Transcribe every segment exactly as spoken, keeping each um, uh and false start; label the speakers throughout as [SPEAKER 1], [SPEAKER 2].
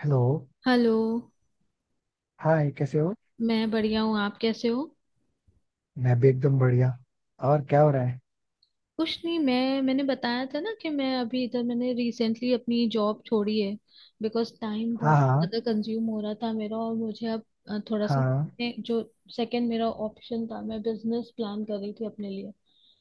[SPEAKER 1] Hello.
[SPEAKER 2] Hello.
[SPEAKER 1] Hi, कैसे हो?
[SPEAKER 2] मैं बढ़िया हूँ, आप कैसे हो?
[SPEAKER 1] मैं भी एकदम बढ़िया। और क्या हो रहा है?
[SPEAKER 2] कुछ नहीं, मैं मैंने बताया था ना कि मैं अभी इधर मैंने रिसेंटली अपनी जॉब छोड़ी है, बिकॉज टाइम
[SPEAKER 1] हाँ,
[SPEAKER 2] बहुत
[SPEAKER 1] हाँ।
[SPEAKER 2] ज़्यादा कंज्यूम हो रहा था मेरा। और मुझे अब अ, थोड़ा सा,
[SPEAKER 1] हाँ।
[SPEAKER 2] मैं- जो सेकंड मेरा ऑप्शन था, मैं बिजनेस प्लान कर रही थी अपने लिए,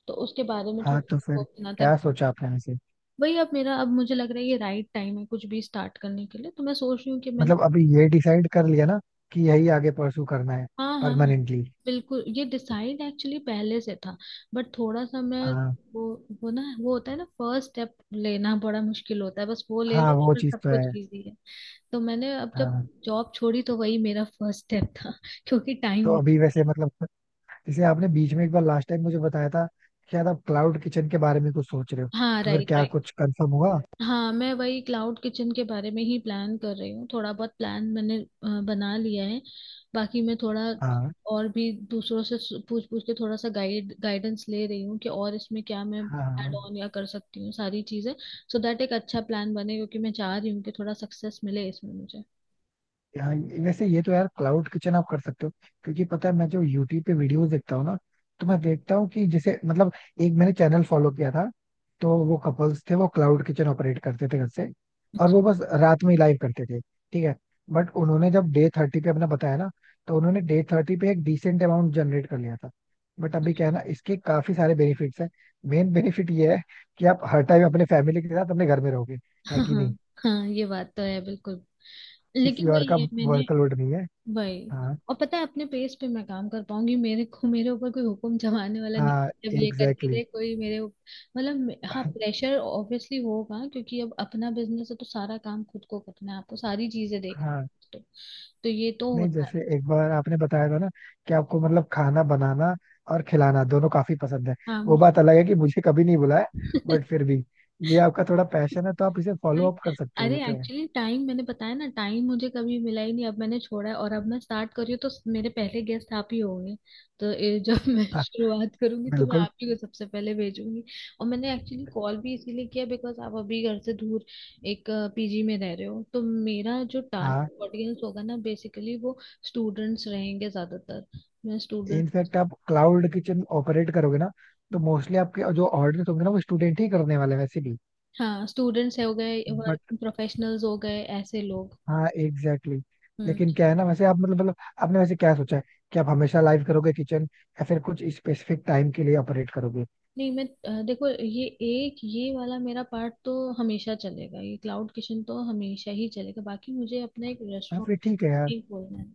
[SPEAKER 2] तो उसके बारे में थोड़ा
[SPEAKER 1] हाँ, तो
[SPEAKER 2] सा
[SPEAKER 1] फिर
[SPEAKER 2] सोचना था।
[SPEAKER 1] क्या सोचा आपने वैसे?
[SPEAKER 2] वही, अब मेरा, अब मुझे लग रहा है ये राइट टाइम है कुछ भी स्टार्ट करने के लिए, तो मैं सोच रही हूँ कि मैं ना।
[SPEAKER 1] मतलब अभी ये डिसाइड कर लिया ना, कि यही आगे परसू करना है?
[SPEAKER 2] हाँ हाँ हाँ,
[SPEAKER 1] परमानेंटली?
[SPEAKER 2] बिल्कुल, ये डिसाइड एक्चुअली पहले से था, बट थोड़ा सा मैं
[SPEAKER 1] हाँ,
[SPEAKER 2] वो वो ना, वो होता है ना, फर्स्ट स्टेप लेना बड़ा मुश्किल होता है, बस वो ले
[SPEAKER 1] हाँ।
[SPEAKER 2] लो तो
[SPEAKER 1] वो
[SPEAKER 2] फिर
[SPEAKER 1] चीज
[SPEAKER 2] सब
[SPEAKER 1] तो
[SPEAKER 2] कुछ
[SPEAKER 1] है।
[SPEAKER 2] इजी है। तो मैंने अब जब
[SPEAKER 1] हाँ,
[SPEAKER 2] जॉब छोड़ी तो वही मेरा फर्स्ट स्टेप था क्योंकि
[SPEAKER 1] तो
[SPEAKER 2] टाइम।
[SPEAKER 1] अभी वैसे मतलब, जैसे आपने बीच में एक बार लास्ट टाइम मुझे बताया था कि शायद आप क्लाउड किचन के बारे में कुछ सोच रहे हो,
[SPEAKER 2] हाँ
[SPEAKER 1] तो फिर
[SPEAKER 2] राइट।
[SPEAKER 1] क्या कुछ कंफर्म हुआ?
[SPEAKER 2] हाँ, मैं वही क्लाउड किचन के बारे में ही प्लान कर रही हूँ। थोड़ा बहुत प्लान मैंने अ, बना लिया है। बाकी मैं थोड़ा
[SPEAKER 1] हाँ,
[SPEAKER 2] और भी दूसरों से सु- पूछ पूछ के थोड़ा सा गाइड गाइडेंस ले रही हूँ कि और इसमें क्या मैं
[SPEAKER 1] हाँ,
[SPEAKER 2] ऐड
[SPEAKER 1] हाँ।
[SPEAKER 2] ऑन या कर सकती हूँ सारी चीज़ें, सो दैट एक अच्छा प्लान बने, क्योंकि मैं चाह रही हूँ कि थोड़ा सक्सेस मिले इसमें मुझे।
[SPEAKER 1] हाँ, वैसे ये तो यार क्लाउड किचन आप कर सकते हो, क्योंकि पता है मैं जो यूट्यूब पे वीडियोस देखता हूँ ना, तो मैं देखता हूँ कि जैसे मतलब एक मैंने चैनल फॉलो किया था, तो वो कपल्स थे, वो क्लाउड किचन ऑपरेट करते थे घर से, और वो बस रात में ही लाइव करते थे, ठीक है। बट उन्होंने जब डे थर्टी पे अपना बताया ना, तो उन्होंने डे थर्टी पे एक डिसेंट अमाउंट जनरेट कर लिया था। बट अभी क्या है ना, इसके काफी सारे बेनिफिट्स हैं। मेन बेनिफिट ये है कि आप हर टाइम अपने फैमिली के साथ अपने घर में रहोगे, है
[SPEAKER 2] हाँ
[SPEAKER 1] कि
[SPEAKER 2] हाँ
[SPEAKER 1] नहीं?
[SPEAKER 2] हाँ, ये बात तो है बिल्कुल।
[SPEAKER 1] किसी
[SPEAKER 2] लेकिन
[SPEAKER 1] और का
[SPEAKER 2] वही है, मैंने
[SPEAKER 1] वर्कलोड नहीं है।
[SPEAKER 2] वही,
[SPEAKER 1] हाँ।
[SPEAKER 2] और पता है अपने पेस पे मैं काम कर पाऊंगी, मेरे को मेरे ऊपर कोई हुक्म जमाने वाला नहीं,
[SPEAKER 1] हाँ,
[SPEAKER 2] जब ये करके
[SPEAKER 1] एग्जैक्टली
[SPEAKER 2] दे कोई मेरे उप-, मतलब मे- हाँ,
[SPEAKER 1] exactly.
[SPEAKER 2] प्रेशर ऑब्वियसली होगा क्योंकि अब अपना बिजनेस है, तो सारा काम खुद को करना है, आपको सारी चीजें देखनी
[SPEAKER 1] हाँ,
[SPEAKER 2] है तो, तो ये तो
[SPEAKER 1] नहीं,
[SPEAKER 2] होता है।
[SPEAKER 1] जैसे एक बार आपने बताया था ना कि आपको मतलब खाना बनाना और खिलाना दोनों काफी पसंद है।
[SPEAKER 2] हाँ
[SPEAKER 1] वो
[SPEAKER 2] मुझे।
[SPEAKER 1] बात अलग है कि मुझे कभी नहीं बुलाया, बट फिर भी ये आपका थोड़ा पैशन है, तो आप इसे
[SPEAKER 2] भाई,
[SPEAKER 1] फॉलो अप कर सकते हो,
[SPEAKER 2] अरे
[SPEAKER 1] ये तो है।
[SPEAKER 2] एक्चुअली टाइम मैंने बताया ना, टाइम मुझे कभी मिला ही नहीं, अब मैंने छोड़ा है और अब मैं स्टार्ट कर रही हूँ, तो मेरे पहले गेस्ट आप ही होंगे। तो ये जब मैं
[SPEAKER 1] हाँ,
[SPEAKER 2] शुरुआत करूंगी तो मैं
[SPEAKER 1] बिल्कुल।
[SPEAKER 2] आप ही को सबसे पहले भेजूंगी। और मैंने एक्चुअली कॉल भी इसीलिए किया, बिकॉज आप अभी घर से दूर एक पीजी में रह रहे हो, तो मेरा जो
[SPEAKER 1] हाँ,
[SPEAKER 2] टारगेट ऑडियंस होगा ना, बेसिकली वो स्टूडेंट्स रहेंगे ज्यादातर। मैं स्टूडेंट,
[SPEAKER 1] इनफैक्ट आप क्लाउड किचन ऑपरेट करोगे ना, तो मोस्टली आपके जो ऑर्डर होंगे ना वो स्टूडेंट ही करने वाले हैं वैसे भी।
[SPEAKER 2] हाँ स्टूडेंट्स हो गए,
[SPEAKER 1] बट
[SPEAKER 2] वर्क प्रोफेशनल्स हो गए, ऐसे लोग।
[SPEAKER 1] हाँ, एग्जैक्टली exactly.
[SPEAKER 2] हम्म।
[SPEAKER 1] लेकिन क्या है ना, वैसे आप मतलब मतलब आपने वैसे क्या सोचा है, कि आप हमेशा लाइव करोगे किचन, या फिर कुछ स्पेसिफिक टाइम के लिए ऑपरेट करोगे?
[SPEAKER 2] नहीं, मैं अ, देखो, ये एक, ये वाला मेरा पार्ट तो हमेशा चलेगा, ये क्लाउड किचन तो हमेशा ही चलेगा। बाकी मुझे अपना एक
[SPEAKER 1] हाँ,
[SPEAKER 2] रेस्टोरेंट
[SPEAKER 1] फिर ठीक है यार।
[SPEAKER 2] नहीं खोलना है।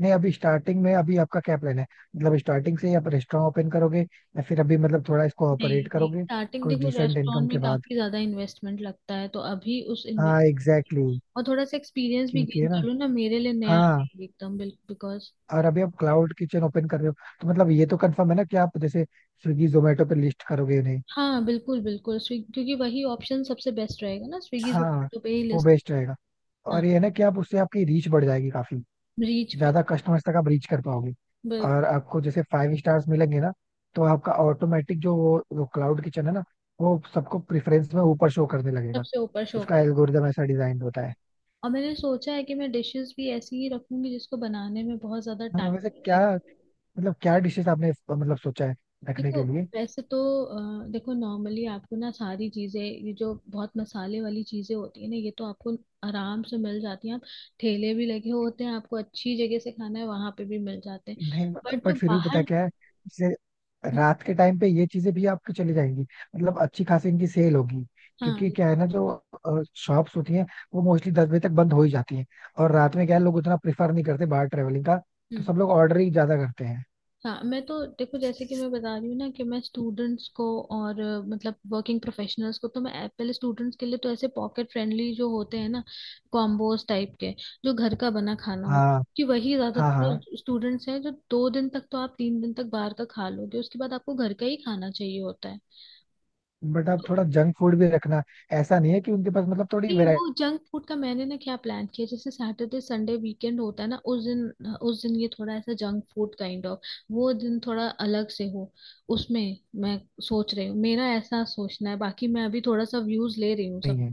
[SPEAKER 1] नहीं, अभी स्टार्टिंग में अभी आपका क्या प्लान है? मतलब स्टार्टिंग से ही आप रेस्टोरेंट ओपन करोगे, या फिर अभी मतलब थोड़ा इसको
[SPEAKER 2] नहीं
[SPEAKER 1] ऑपरेट
[SPEAKER 2] नहीं,
[SPEAKER 1] करोगे?
[SPEAKER 2] स्टार्टिंग,
[SPEAKER 1] कुछ
[SPEAKER 2] देखो
[SPEAKER 1] डिसेंट इनकम
[SPEAKER 2] रेस्टोरेंट
[SPEAKER 1] के
[SPEAKER 2] में
[SPEAKER 1] बाद,
[SPEAKER 2] काफी ज्यादा इन्वेस्टमेंट लगता है, तो अभी उस इन्वेस्ट
[SPEAKER 1] हाँ एग्जैक्टली exactly.
[SPEAKER 2] और थोड़ा सा एक्सपीरियंस भी
[SPEAKER 1] क्योंकि
[SPEAKER 2] गेन
[SPEAKER 1] है ना,
[SPEAKER 2] कर लूँ ना, मेरे लिए नया
[SPEAKER 1] हाँ।
[SPEAKER 2] रहेगा एकदम बिल्कुल, बिकॉज।
[SPEAKER 1] और अभी आप क्लाउड किचन ओपन कर रहे हो, तो मतलब ये तो कंफर्म है ना कि आप जैसे स्विगी जोमेटो पे लिस्ट करोगे उन्हें।
[SPEAKER 2] हाँ बिल्कुल बिल्कुल, स्विगी क्योंकि वही ऑप्शन सबसे बेस्ट रहेगा ना, स्विगी
[SPEAKER 1] हाँ,
[SPEAKER 2] जोमेटो पे ही
[SPEAKER 1] वो
[SPEAKER 2] लिस्ट।
[SPEAKER 1] बेस्ट रहेगा।
[SPEAKER 2] हाँ,
[SPEAKER 1] और ये है ना कि आप उससे आपकी रीच बढ़ जाएगी काफी,
[SPEAKER 2] रीच पे,
[SPEAKER 1] ज्यादा कस्टमर्स तक आप रीच कर पाओगे।
[SPEAKER 2] ब-,
[SPEAKER 1] और आपको जैसे फाइव स्टार्स मिलेंगे ना, तो आपका ऑटोमेटिक जो वो क्लाउड किचन है ना, वो सबको प्रेफरेंस में ऊपर शो करने लगेगा।
[SPEAKER 2] सबसे ऊपर शो।
[SPEAKER 1] उसका एल्गोरिदम ऐसा डिजाइन होता है।
[SPEAKER 2] और मैंने सोचा है कि मैं डिशेस भी ऐसी ही रखूंगी जिसको बनाने में बहुत ज्यादा
[SPEAKER 1] हाँ,
[SPEAKER 2] टाइम
[SPEAKER 1] वैसे
[SPEAKER 2] लगे।
[SPEAKER 1] क्या
[SPEAKER 2] Like,
[SPEAKER 1] मतलब, क्या डिशेस आपने मतलब सोचा है रखने
[SPEAKER 2] देखो
[SPEAKER 1] के लिए?
[SPEAKER 2] वैसे तो अ, देखो नॉर्मली आपको ना सारी चीजें, ये जो बहुत मसाले वाली चीजें होती है ना, ये तो आपको आराम से मिल जाती हैं, आप ठेले भी लगे होते हैं, आपको अच्छी जगह से खाना है वहां पे भी मिल जाते हैं,
[SPEAKER 1] नहीं,
[SPEAKER 2] बट जो
[SPEAKER 1] बट फिर भी पता
[SPEAKER 2] बाहर।
[SPEAKER 1] क्या है, जैसे
[SPEAKER 2] हम्म।
[SPEAKER 1] रात के टाइम पे ये चीजें भी आपकी चली जाएंगी, मतलब अच्छी खासी इनकी सेल होगी।
[SPEAKER 2] हाँ।
[SPEAKER 1] क्योंकि क्या है ना, जो शॉप्स होती हैं वो मोस्टली दस बजे तक बंद हो ही जाती हैं। और रात में क्या है, लोग उतना प्रेफर नहीं करते बाहर ट्रेवलिंग का, तो
[SPEAKER 2] हम्म।
[SPEAKER 1] सब लोग ऑर्डर ही ज्यादा करते हैं।
[SPEAKER 2] हाँ मैं तो देखो, जैसे कि मैं बता रही हूँ ना कि मैं स्टूडेंट्स को और अ, मतलब वर्किंग प्रोफेशनल्स को, तो मैं ऐप- पहले स्टूडेंट्स के लिए तो ऐसे पॉकेट फ्रेंडली जो होते हैं ना, कॉम्बोज टाइप के, जो घर का बना खाना होता
[SPEAKER 1] हाँ,
[SPEAKER 2] है, कि वही
[SPEAKER 1] हाँ, हाँ।
[SPEAKER 2] ज्यादातर स्टूडेंट्स हैं, जो दो दिन तक तो आप, तीन दिन तक बाहर का खा लोगे, उसके बाद आपको घर का ही खाना चाहिए होता है।
[SPEAKER 1] बट आप थोड़ा जंक फूड भी रखना, ऐसा नहीं है कि उनके पास मतलब थोड़ी
[SPEAKER 2] नहीं,
[SPEAKER 1] वेरायटी
[SPEAKER 2] वो जंक फूड का मैंने ना क्या प्लान किया, जैसे सैटरडे संडे वीकेंड होता है ना, उस दिन, उस दिन ये थोड़ा ऐसा जंक फूड काइंड ऑफ, वो दिन थोड़ा अलग से हो। उसमें मैं सोच रही हूँ, मेरा ऐसा सोचना है, बाकी मैं अभी थोड़ा सा व्यूज ले रही हूँ सब।
[SPEAKER 1] नहीं है।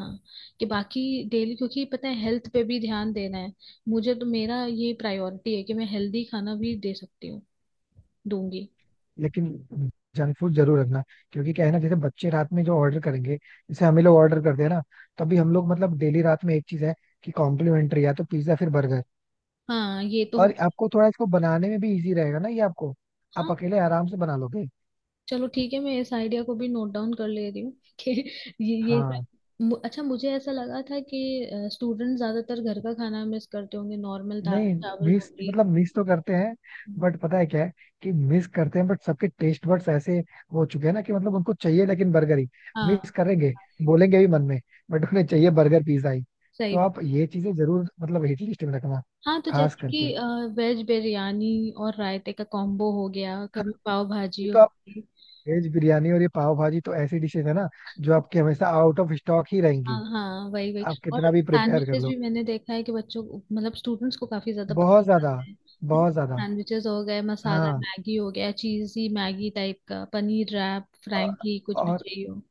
[SPEAKER 2] हाँ, कि बाकी डेली, क्योंकि पता है हेल्थ पे भी ध्यान देना है मुझे, तो मेरा ये प्रायोरिटी है कि मैं हेल्दी खाना भी दे सकती हूँ, दूंगी।
[SPEAKER 1] लेकिन जंक फूड जरूर रखना, क्योंकि क्या है ना जैसे बच्चे रात में जो ऑर्डर करेंगे, जैसे हम ही लोग ऑर्डर करते हैं ना, तो अभी हम लोग मतलब डेली रात में एक चीज है कि कॉम्प्लीमेंट्री या तो पिज्जा फिर बर्गर।
[SPEAKER 2] हाँ ये तो
[SPEAKER 1] और
[SPEAKER 2] हो।
[SPEAKER 1] आपको थोड़ा इसको बनाने में भी इजी रहेगा ना ये आपको, आप
[SPEAKER 2] हाँ,
[SPEAKER 1] अकेले आराम से बना लोगे।
[SPEAKER 2] चलो ठीक है, मैं इस आइडिया को भी नोट डाउन कर ले रही हूँ कि ये ये सब-,
[SPEAKER 1] हाँ।
[SPEAKER 2] मु- अच्छा, मुझे ऐसा लगा था कि स्टूडेंट ज्यादातर घर का खाना मिस करते होंगे, नॉर्मल दाल
[SPEAKER 1] नहीं,
[SPEAKER 2] चावल
[SPEAKER 1] मिस
[SPEAKER 2] रोटी।
[SPEAKER 1] मतलब मिस तो करते हैं, बट पता है क्या है कि मिस करते हैं, बट सबके टेस्ट बड्स ऐसे हो चुके हैं ना कि मतलब उनको चाहिए लेकिन बर्गर ही।
[SPEAKER 2] हाँ
[SPEAKER 1] मिस करेंगे, बोलेंगे भी मन में, बट उन्हें चाहिए बर्गर पिज्जा ही। तो
[SPEAKER 2] सही बात।
[SPEAKER 1] आप ये चीजें जरूर मतलब हिट लिस्ट में रखना,
[SPEAKER 2] हाँ, तो
[SPEAKER 1] खास
[SPEAKER 2] जैसे कि
[SPEAKER 1] करके।
[SPEAKER 2] वेज बिरयानी और रायते का कॉम्बो हो गया, कभी पाव
[SPEAKER 1] ये
[SPEAKER 2] भाजी हो
[SPEAKER 1] तो आप
[SPEAKER 2] गई।
[SPEAKER 1] वेज बिरयानी और ये पाव भाजी तो ऐसी डिशेज है ना जो आपके हमेशा आउट ऑफ स्टॉक ही
[SPEAKER 2] हाँ
[SPEAKER 1] रहेंगी,
[SPEAKER 2] हाँ वही वही।
[SPEAKER 1] आप
[SPEAKER 2] और
[SPEAKER 1] कितना भी प्रिपेयर कर
[SPEAKER 2] सैंडविचेस
[SPEAKER 1] लो।
[SPEAKER 2] भी मैंने देखा है कि बच्चों को- मतलब स्टूडेंट्स को काफी ज्यादा
[SPEAKER 1] बहुत
[SPEAKER 2] पसंद
[SPEAKER 1] ज्यादा,
[SPEAKER 2] आते हैं। है ना,
[SPEAKER 1] बहुत ज्यादा।
[SPEAKER 2] सैंडविचेस हो गए, मसाला
[SPEAKER 1] हाँ,
[SPEAKER 2] मैगी हो गया, चीजी मैगी टाइप का, पनीर रैप फ्रैंकी, कुछ भी
[SPEAKER 1] और,
[SPEAKER 2] चाहिए हो।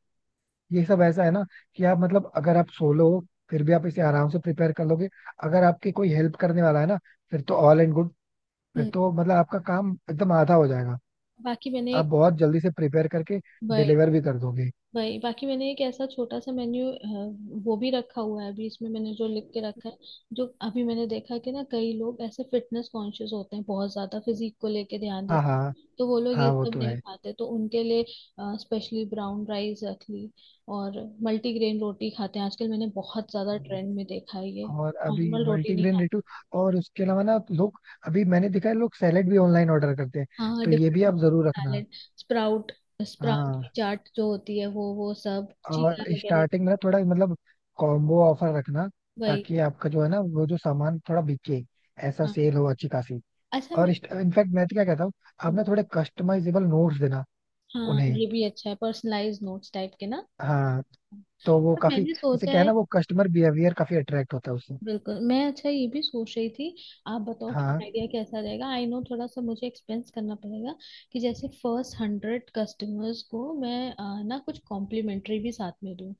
[SPEAKER 1] ये सब ऐसा है ना कि आप मतलब अगर आप सोलो हो, फिर भी आप इसे आराम से प्रिपेयर कर लोगे। अगर आपके कोई हेल्प करने वाला है ना, फिर तो ऑल एंड गुड, फिर
[SPEAKER 2] हम्म।
[SPEAKER 1] तो मतलब आपका काम एकदम आधा हो जाएगा,
[SPEAKER 2] बाकी मैंने
[SPEAKER 1] आप बहुत जल्दी से प्रिपेयर करके
[SPEAKER 2] एक
[SPEAKER 1] डिलीवर भी कर दोगे।
[SPEAKER 2] वही, बाकी मैंने एक ऐसा छोटा सा मेन्यू वो भी रखा हुआ है अभी, इसमें मैंने जो लिख के रखा है, जो अभी मैंने देखा कि ना कई लोग ऐसे फिटनेस कॉन्शियस होते हैं, बहुत ज्यादा फिजिक को लेके ध्यान
[SPEAKER 1] हाँ,
[SPEAKER 2] देते
[SPEAKER 1] हाँ,
[SPEAKER 2] हैं, तो वो लोग
[SPEAKER 1] हाँ,
[SPEAKER 2] ये
[SPEAKER 1] वो
[SPEAKER 2] सब
[SPEAKER 1] तो
[SPEAKER 2] नहीं
[SPEAKER 1] है।
[SPEAKER 2] खाते, तो उनके लिए स्पेशली ब्राउन राइस रख ली, और मल्टीग्रेन रोटी खाते हैं आजकल, मैंने बहुत ज्यादा ट्रेंड में देखा है ये।
[SPEAKER 1] और अभी
[SPEAKER 2] नॉर्मल रोटी नहीं
[SPEAKER 1] मल्टीग्रेन
[SPEAKER 2] खाते।
[SPEAKER 1] रेटू, और उसके अलावा ना लोग, अभी मैंने देखा है लोग सैलेड भी ऑनलाइन ऑर्डर करते हैं,
[SPEAKER 2] हाँ
[SPEAKER 1] तो ये
[SPEAKER 2] डिफरेंट
[SPEAKER 1] भी
[SPEAKER 2] डिफरेंट,
[SPEAKER 1] आप जरूर रखना।
[SPEAKER 2] सैलेड, स्प्राउट, स्प्राउट
[SPEAKER 1] हाँ,
[SPEAKER 2] की चाट जो होती है, वो वो सब,
[SPEAKER 1] और
[SPEAKER 2] चीला वगैरह।
[SPEAKER 1] स्टार्टिंग में थोड़ा मतलब कॉम्बो ऑफर रखना,
[SPEAKER 2] वही।
[SPEAKER 1] ताकि आपका जो है ना वो जो सामान थोड़ा बिके, ऐसा
[SPEAKER 2] हाँ,
[SPEAKER 1] सेल हो अच्छी खासी।
[SPEAKER 2] अच्छा
[SPEAKER 1] और
[SPEAKER 2] मैं,
[SPEAKER 1] इनफैक्ट मैं तो क्या कहता हूँ, आपने थोड़े कस्टमाइजेबल नोट्स देना
[SPEAKER 2] हाँ
[SPEAKER 1] उन्हें।
[SPEAKER 2] ये भी अच्छा है, पर्सनलाइज नोट्स टाइप के ना।
[SPEAKER 1] हाँ, तो वो
[SPEAKER 2] पर
[SPEAKER 1] काफी
[SPEAKER 2] मैंने
[SPEAKER 1] जैसे
[SPEAKER 2] सोचा
[SPEAKER 1] क्या है
[SPEAKER 2] है,
[SPEAKER 1] ना, वो कस्टमर बिहेवियर काफी अट्रैक्ट होता है उससे।
[SPEAKER 2] बिल्कुल मैं, अच्छा ये भी सोच रही थी, आप बताओ कि
[SPEAKER 1] हाँ,
[SPEAKER 2] आइडिया कैसा रहेगा। आई नो थोड़ा सा मुझे एक्सपेंस करना पड़ेगा, कि जैसे फर्स्ट हंड्रेड कस्टमर्स को मैं अ, ना कुछ कॉम्प्लीमेंट्री भी साथ में दूँ,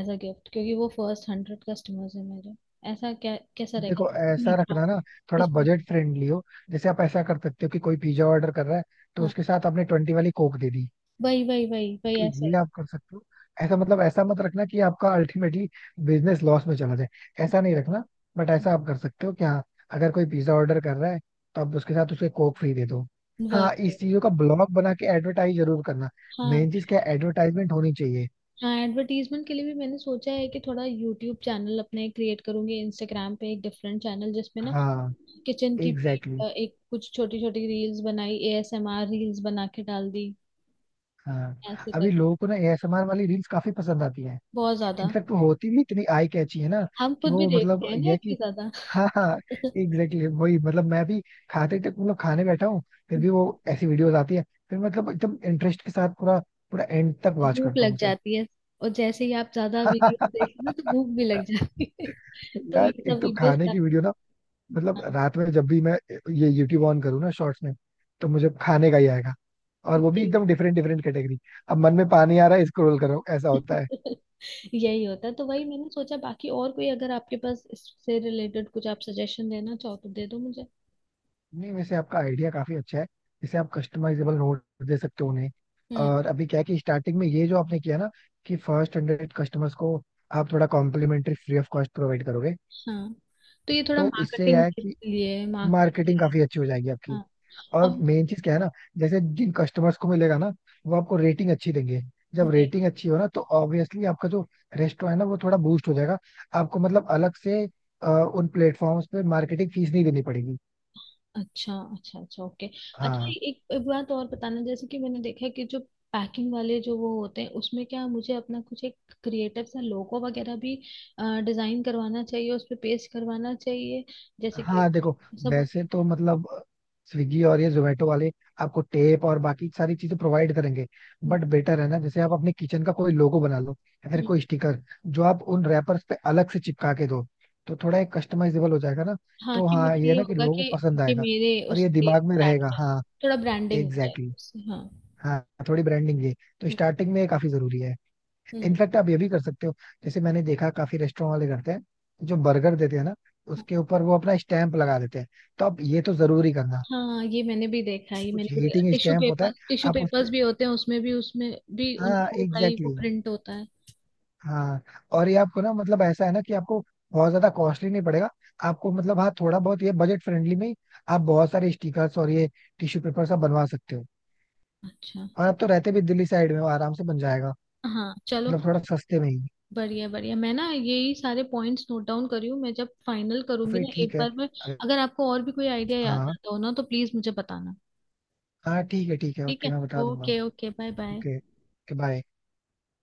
[SPEAKER 2] एज अ गिफ्ट, क्योंकि वो फर्स्ट हंड्रेड कस्टमर्स है मेरे, ऐसा क्या कैसा रहेगा।
[SPEAKER 1] देखो ऐसा
[SPEAKER 2] मीठा,
[SPEAKER 1] रखना ना, थोड़ा
[SPEAKER 2] कुछ मीठा।
[SPEAKER 1] बजट फ्रेंडली हो। जैसे आप ऐसा कर सकते हो कि कोई पिज्जा ऑर्डर कर रहा है, तो
[SPEAKER 2] हाँ
[SPEAKER 1] उसके साथ आपने ट्वेंटी वाली कोक दे दी।
[SPEAKER 2] वही वही वही वही,
[SPEAKER 1] तो
[SPEAKER 2] ऐसा
[SPEAKER 1] ये
[SPEAKER 2] ही,
[SPEAKER 1] आप कर सकते हो, ऐसा मतलब ऐसा मत रखना कि आपका अल्टीमेटली बिजनेस लॉस में चला जाए, ऐसा नहीं रखना। बट ऐसा आप कर सकते हो कि हाँ, अगर कोई पिज्जा ऑर्डर कर रहा है, तो आप उसके साथ उसके कोक फ्री दे दो।
[SPEAKER 2] वही
[SPEAKER 1] हाँ, इस
[SPEAKER 2] वही।
[SPEAKER 1] चीजों का ब्लॉग बना के एडवर्टाइज जरूर करना।
[SPEAKER 2] हाँ
[SPEAKER 1] मेन चीज क्या, एडवर्टाइजमेंट होनी चाहिए।
[SPEAKER 2] हाँ, एडवर्टीजमेंट के लिए भी मैंने सोचा है कि थोड़ा यूट्यूब चैनल अपने क्रिएट करूंगी, इंस्टाग्राम पे एक डिफरेंट चैनल, जिसमें ना
[SPEAKER 1] हाँ
[SPEAKER 2] किचन की भी
[SPEAKER 1] एग्जैक्टली exactly,
[SPEAKER 2] अ, एक कुछ छोटी छोटी रील्स बनाई, एएसएमआर रील्स बना के डाल दी।
[SPEAKER 1] हाँ,
[SPEAKER 2] ऐसे
[SPEAKER 1] अभी
[SPEAKER 2] कर,
[SPEAKER 1] लोगों को ना एएसएमआर वाली रील्स काफी पसंद आती है।
[SPEAKER 2] बहुत ज्यादा,
[SPEAKER 1] इनफैक्ट वो होती भी इतनी आई कैची है ना,
[SPEAKER 2] हम
[SPEAKER 1] कि
[SPEAKER 2] खुद भी
[SPEAKER 1] वो
[SPEAKER 2] देखते
[SPEAKER 1] मतलब
[SPEAKER 2] हैं
[SPEAKER 1] ये
[SPEAKER 2] ना
[SPEAKER 1] है कि
[SPEAKER 2] इतनी ज्यादा।
[SPEAKER 1] हाँ, हाँ, एग्जैक्टली वही मतलब मैं भी खाते तक मतलब खाने बैठा हूँ, फिर भी वो ऐसी वीडियोस आती है, फिर मतलब एकदम इंटरेस्ट के साथ पूरा पूरा एंड तक वॉच
[SPEAKER 2] भूख
[SPEAKER 1] करता हूँ
[SPEAKER 2] लग
[SPEAKER 1] उसे।
[SPEAKER 2] जाती है, और जैसे ही आप ज्यादा वीडियो देखते हैं ना तो भूख भी लग जाती है। तो
[SPEAKER 1] यार
[SPEAKER 2] ये
[SPEAKER 1] एक
[SPEAKER 2] सब
[SPEAKER 1] तो
[SPEAKER 2] वीडियोस
[SPEAKER 1] खाने की
[SPEAKER 2] आपको।
[SPEAKER 1] वीडियो ना, मतलब
[SPEAKER 2] हाँ,
[SPEAKER 1] रात में जब भी मैं ये यूट्यूब ऑन करूँ ना शॉर्ट्स में, तो मुझे खाने का ही आएगा, और वो भी
[SPEAKER 2] यही,
[SPEAKER 1] एकदम डिफरेंट डिफरेंट कैटेगरी। अब मन में पानी आ रहा है, स्क्रॉल कर रहा हूँ, ऐसा होता है।
[SPEAKER 2] यही होता है, तो वही मैंने सोचा। बाकी और कोई अगर आपके पास इससे रिलेटेड कुछ आप सजेशन देना चाहो तो दे दो मुझे।
[SPEAKER 1] नहीं, वैसे आपका आइडिया काफी अच्छा है, जैसे आप कस्टमाइजेबल नोट दे सकते हो उन्हें।
[SPEAKER 2] हम्म।
[SPEAKER 1] और अभी क्या है कि स्टार्टिंग में ये जो आपने किया ना, कि फर्स्ट हंड्रेड कस्टमर्स को आप थोड़ा complimentary free of cost provide करोगे,
[SPEAKER 2] हाँ, तो ये थोड़ा
[SPEAKER 1] तो इससे यह
[SPEAKER 2] मार्केटिंग
[SPEAKER 1] है
[SPEAKER 2] के
[SPEAKER 1] कि
[SPEAKER 2] लिए मार्केटिंग के
[SPEAKER 1] मार्केटिंग
[SPEAKER 2] लिए।
[SPEAKER 1] काफी अच्छी हो जाएगी आपकी।
[SPEAKER 2] हाँ
[SPEAKER 1] और
[SPEAKER 2] और
[SPEAKER 1] मेन चीज क्या है ना, जैसे जिन कस्टमर्स को मिलेगा ना, वो आपको रेटिंग अच्छी देंगे। जब
[SPEAKER 2] वो-।
[SPEAKER 1] रेटिंग अच्छी हो ना, तो ऑब्वियसली आपका जो रेस्टोरेंट है ना वो थोड़ा बूस्ट हो जाएगा, आपको मतलब अलग से अ, उन प्लेटफॉर्म्स पे मार्केटिंग फीस नहीं देनी पड़ेगी।
[SPEAKER 2] अच्छा अच्छा अच्छा ओके। अच्छा
[SPEAKER 1] हाँ,
[SPEAKER 2] एक, एक बात और बताना, जैसे कि मैंने देखा है कि जो पैकिंग वाले जो वो होते हैं उसमें, क्या मुझे अपना कुछ एक क्रिएटिव सा लोगो वगैरह भी डिजाइन करवाना चाहिए, उस पे पेस्ट करवाना चाहिए, जैसे कि
[SPEAKER 1] हाँ, देखो
[SPEAKER 2] सब।
[SPEAKER 1] वैसे तो मतलब स्विगी और ये जोमेटो वाले आपको टेप और बाकी सारी चीजें प्रोवाइड करेंगे। बट
[SPEAKER 2] हम्म,
[SPEAKER 1] बेटर है ना, जैसे आप अपने किचन का कोई लोगो बना लो, या फिर
[SPEAKER 2] हम्म।
[SPEAKER 1] कोई स्टिकर जो आप उन रैपर्स पे अलग से चिपका के दो, तो थोड़ा एक कस्टमाइजेबल हो जाएगा ना।
[SPEAKER 2] हाँ
[SPEAKER 1] तो
[SPEAKER 2] कि
[SPEAKER 1] हाँ
[SPEAKER 2] मुझे
[SPEAKER 1] ये है
[SPEAKER 2] ये
[SPEAKER 1] ना कि
[SPEAKER 2] होगा
[SPEAKER 1] लोगों
[SPEAKER 2] कि
[SPEAKER 1] को पसंद
[SPEAKER 2] कि
[SPEAKER 1] आएगा,
[SPEAKER 2] मेरे
[SPEAKER 1] और ये
[SPEAKER 2] उसके
[SPEAKER 1] दिमाग में
[SPEAKER 2] ब्रांड
[SPEAKER 1] रहेगा।
[SPEAKER 2] में,
[SPEAKER 1] हाँ
[SPEAKER 2] थोड़ा ब्रांडिंग हो
[SPEAKER 1] एग्जैक्टली
[SPEAKER 2] जाएगी
[SPEAKER 1] exactly,
[SPEAKER 2] उससे, हाँ।
[SPEAKER 1] हाँ, थोड़ी ब्रांडिंग ये, तो
[SPEAKER 2] हम्म।
[SPEAKER 1] स्टार्टिंग में ये काफी जरूरी है।
[SPEAKER 2] हम्म,
[SPEAKER 1] इनफैक्ट आप ये भी कर सकते हो, जैसे मैंने देखा काफी रेस्टोरेंट वाले करते हैं, जो बर्गर देते हैं ना, उसके ऊपर वो अपना स्टैंप लगा देते हैं। तो आप ये तो जरूरी करना,
[SPEAKER 2] हाँ हाँ, ये मैंने भी देखा है, ये
[SPEAKER 1] कुछ
[SPEAKER 2] मैंने भी देखा,
[SPEAKER 1] हीटिंग
[SPEAKER 2] टिश्यू
[SPEAKER 1] स्टैंप होता है,
[SPEAKER 2] पेपर्स टिश्यू
[SPEAKER 1] आप उस
[SPEAKER 2] पेपर्स
[SPEAKER 1] पे।
[SPEAKER 2] भी होते हैं, उसमें भी, उसमें भी उन
[SPEAKER 1] हाँ
[SPEAKER 2] लोगों का ही
[SPEAKER 1] एग्जैक्टली
[SPEAKER 2] वो
[SPEAKER 1] exactly,
[SPEAKER 2] प्रिंट होता है।
[SPEAKER 1] हाँ। और ये आपको ना मतलब ऐसा है ना कि आपको बहुत ज्यादा कॉस्टली नहीं पड़ेगा। आपको मतलब हाँ, थोड़ा बहुत ये बजट फ्रेंडली में ही आप बहुत सारे स्टिकर्स और ये टिश्यू पेपर सब बनवा सकते हो।
[SPEAKER 2] अच्छा।
[SPEAKER 1] और आप तो रहते भी दिल्ली साइड में हो, आराम से बन जाएगा,
[SPEAKER 2] हाँ चलो,
[SPEAKER 1] मतलब थोड़ा सस्ते में ही।
[SPEAKER 2] बढ़िया बढ़िया, मैं ना यही सारे पॉइंट्स नोट डाउन करी हूँ, मैं जब फाइनल
[SPEAKER 1] तो
[SPEAKER 2] करूंगी
[SPEAKER 1] फिर
[SPEAKER 2] ना
[SPEAKER 1] ठीक
[SPEAKER 2] एक
[SPEAKER 1] है।
[SPEAKER 2] बार, मैं
[SPEAKER 1] अगर-
[SPEAKER 2] अगर आपको और भी कोई आइडिया याद
[SPEAKER 1] हाँ,
[SPEAKER 2] आता हो ना तो प्लीज मुझे बताना।
[SPEAKER 1] हाँ, ठीक है, ठीक है,
[SPEAKER 2] ठीक
[SPEAKER 1] ओके,
[SPEAKER 2] है।
[SPEAKER 1] मैं बता दूंगा।
[SPEAKER 2] Okay okay, bye bye.
[SPEAKER 1] Okay, bye.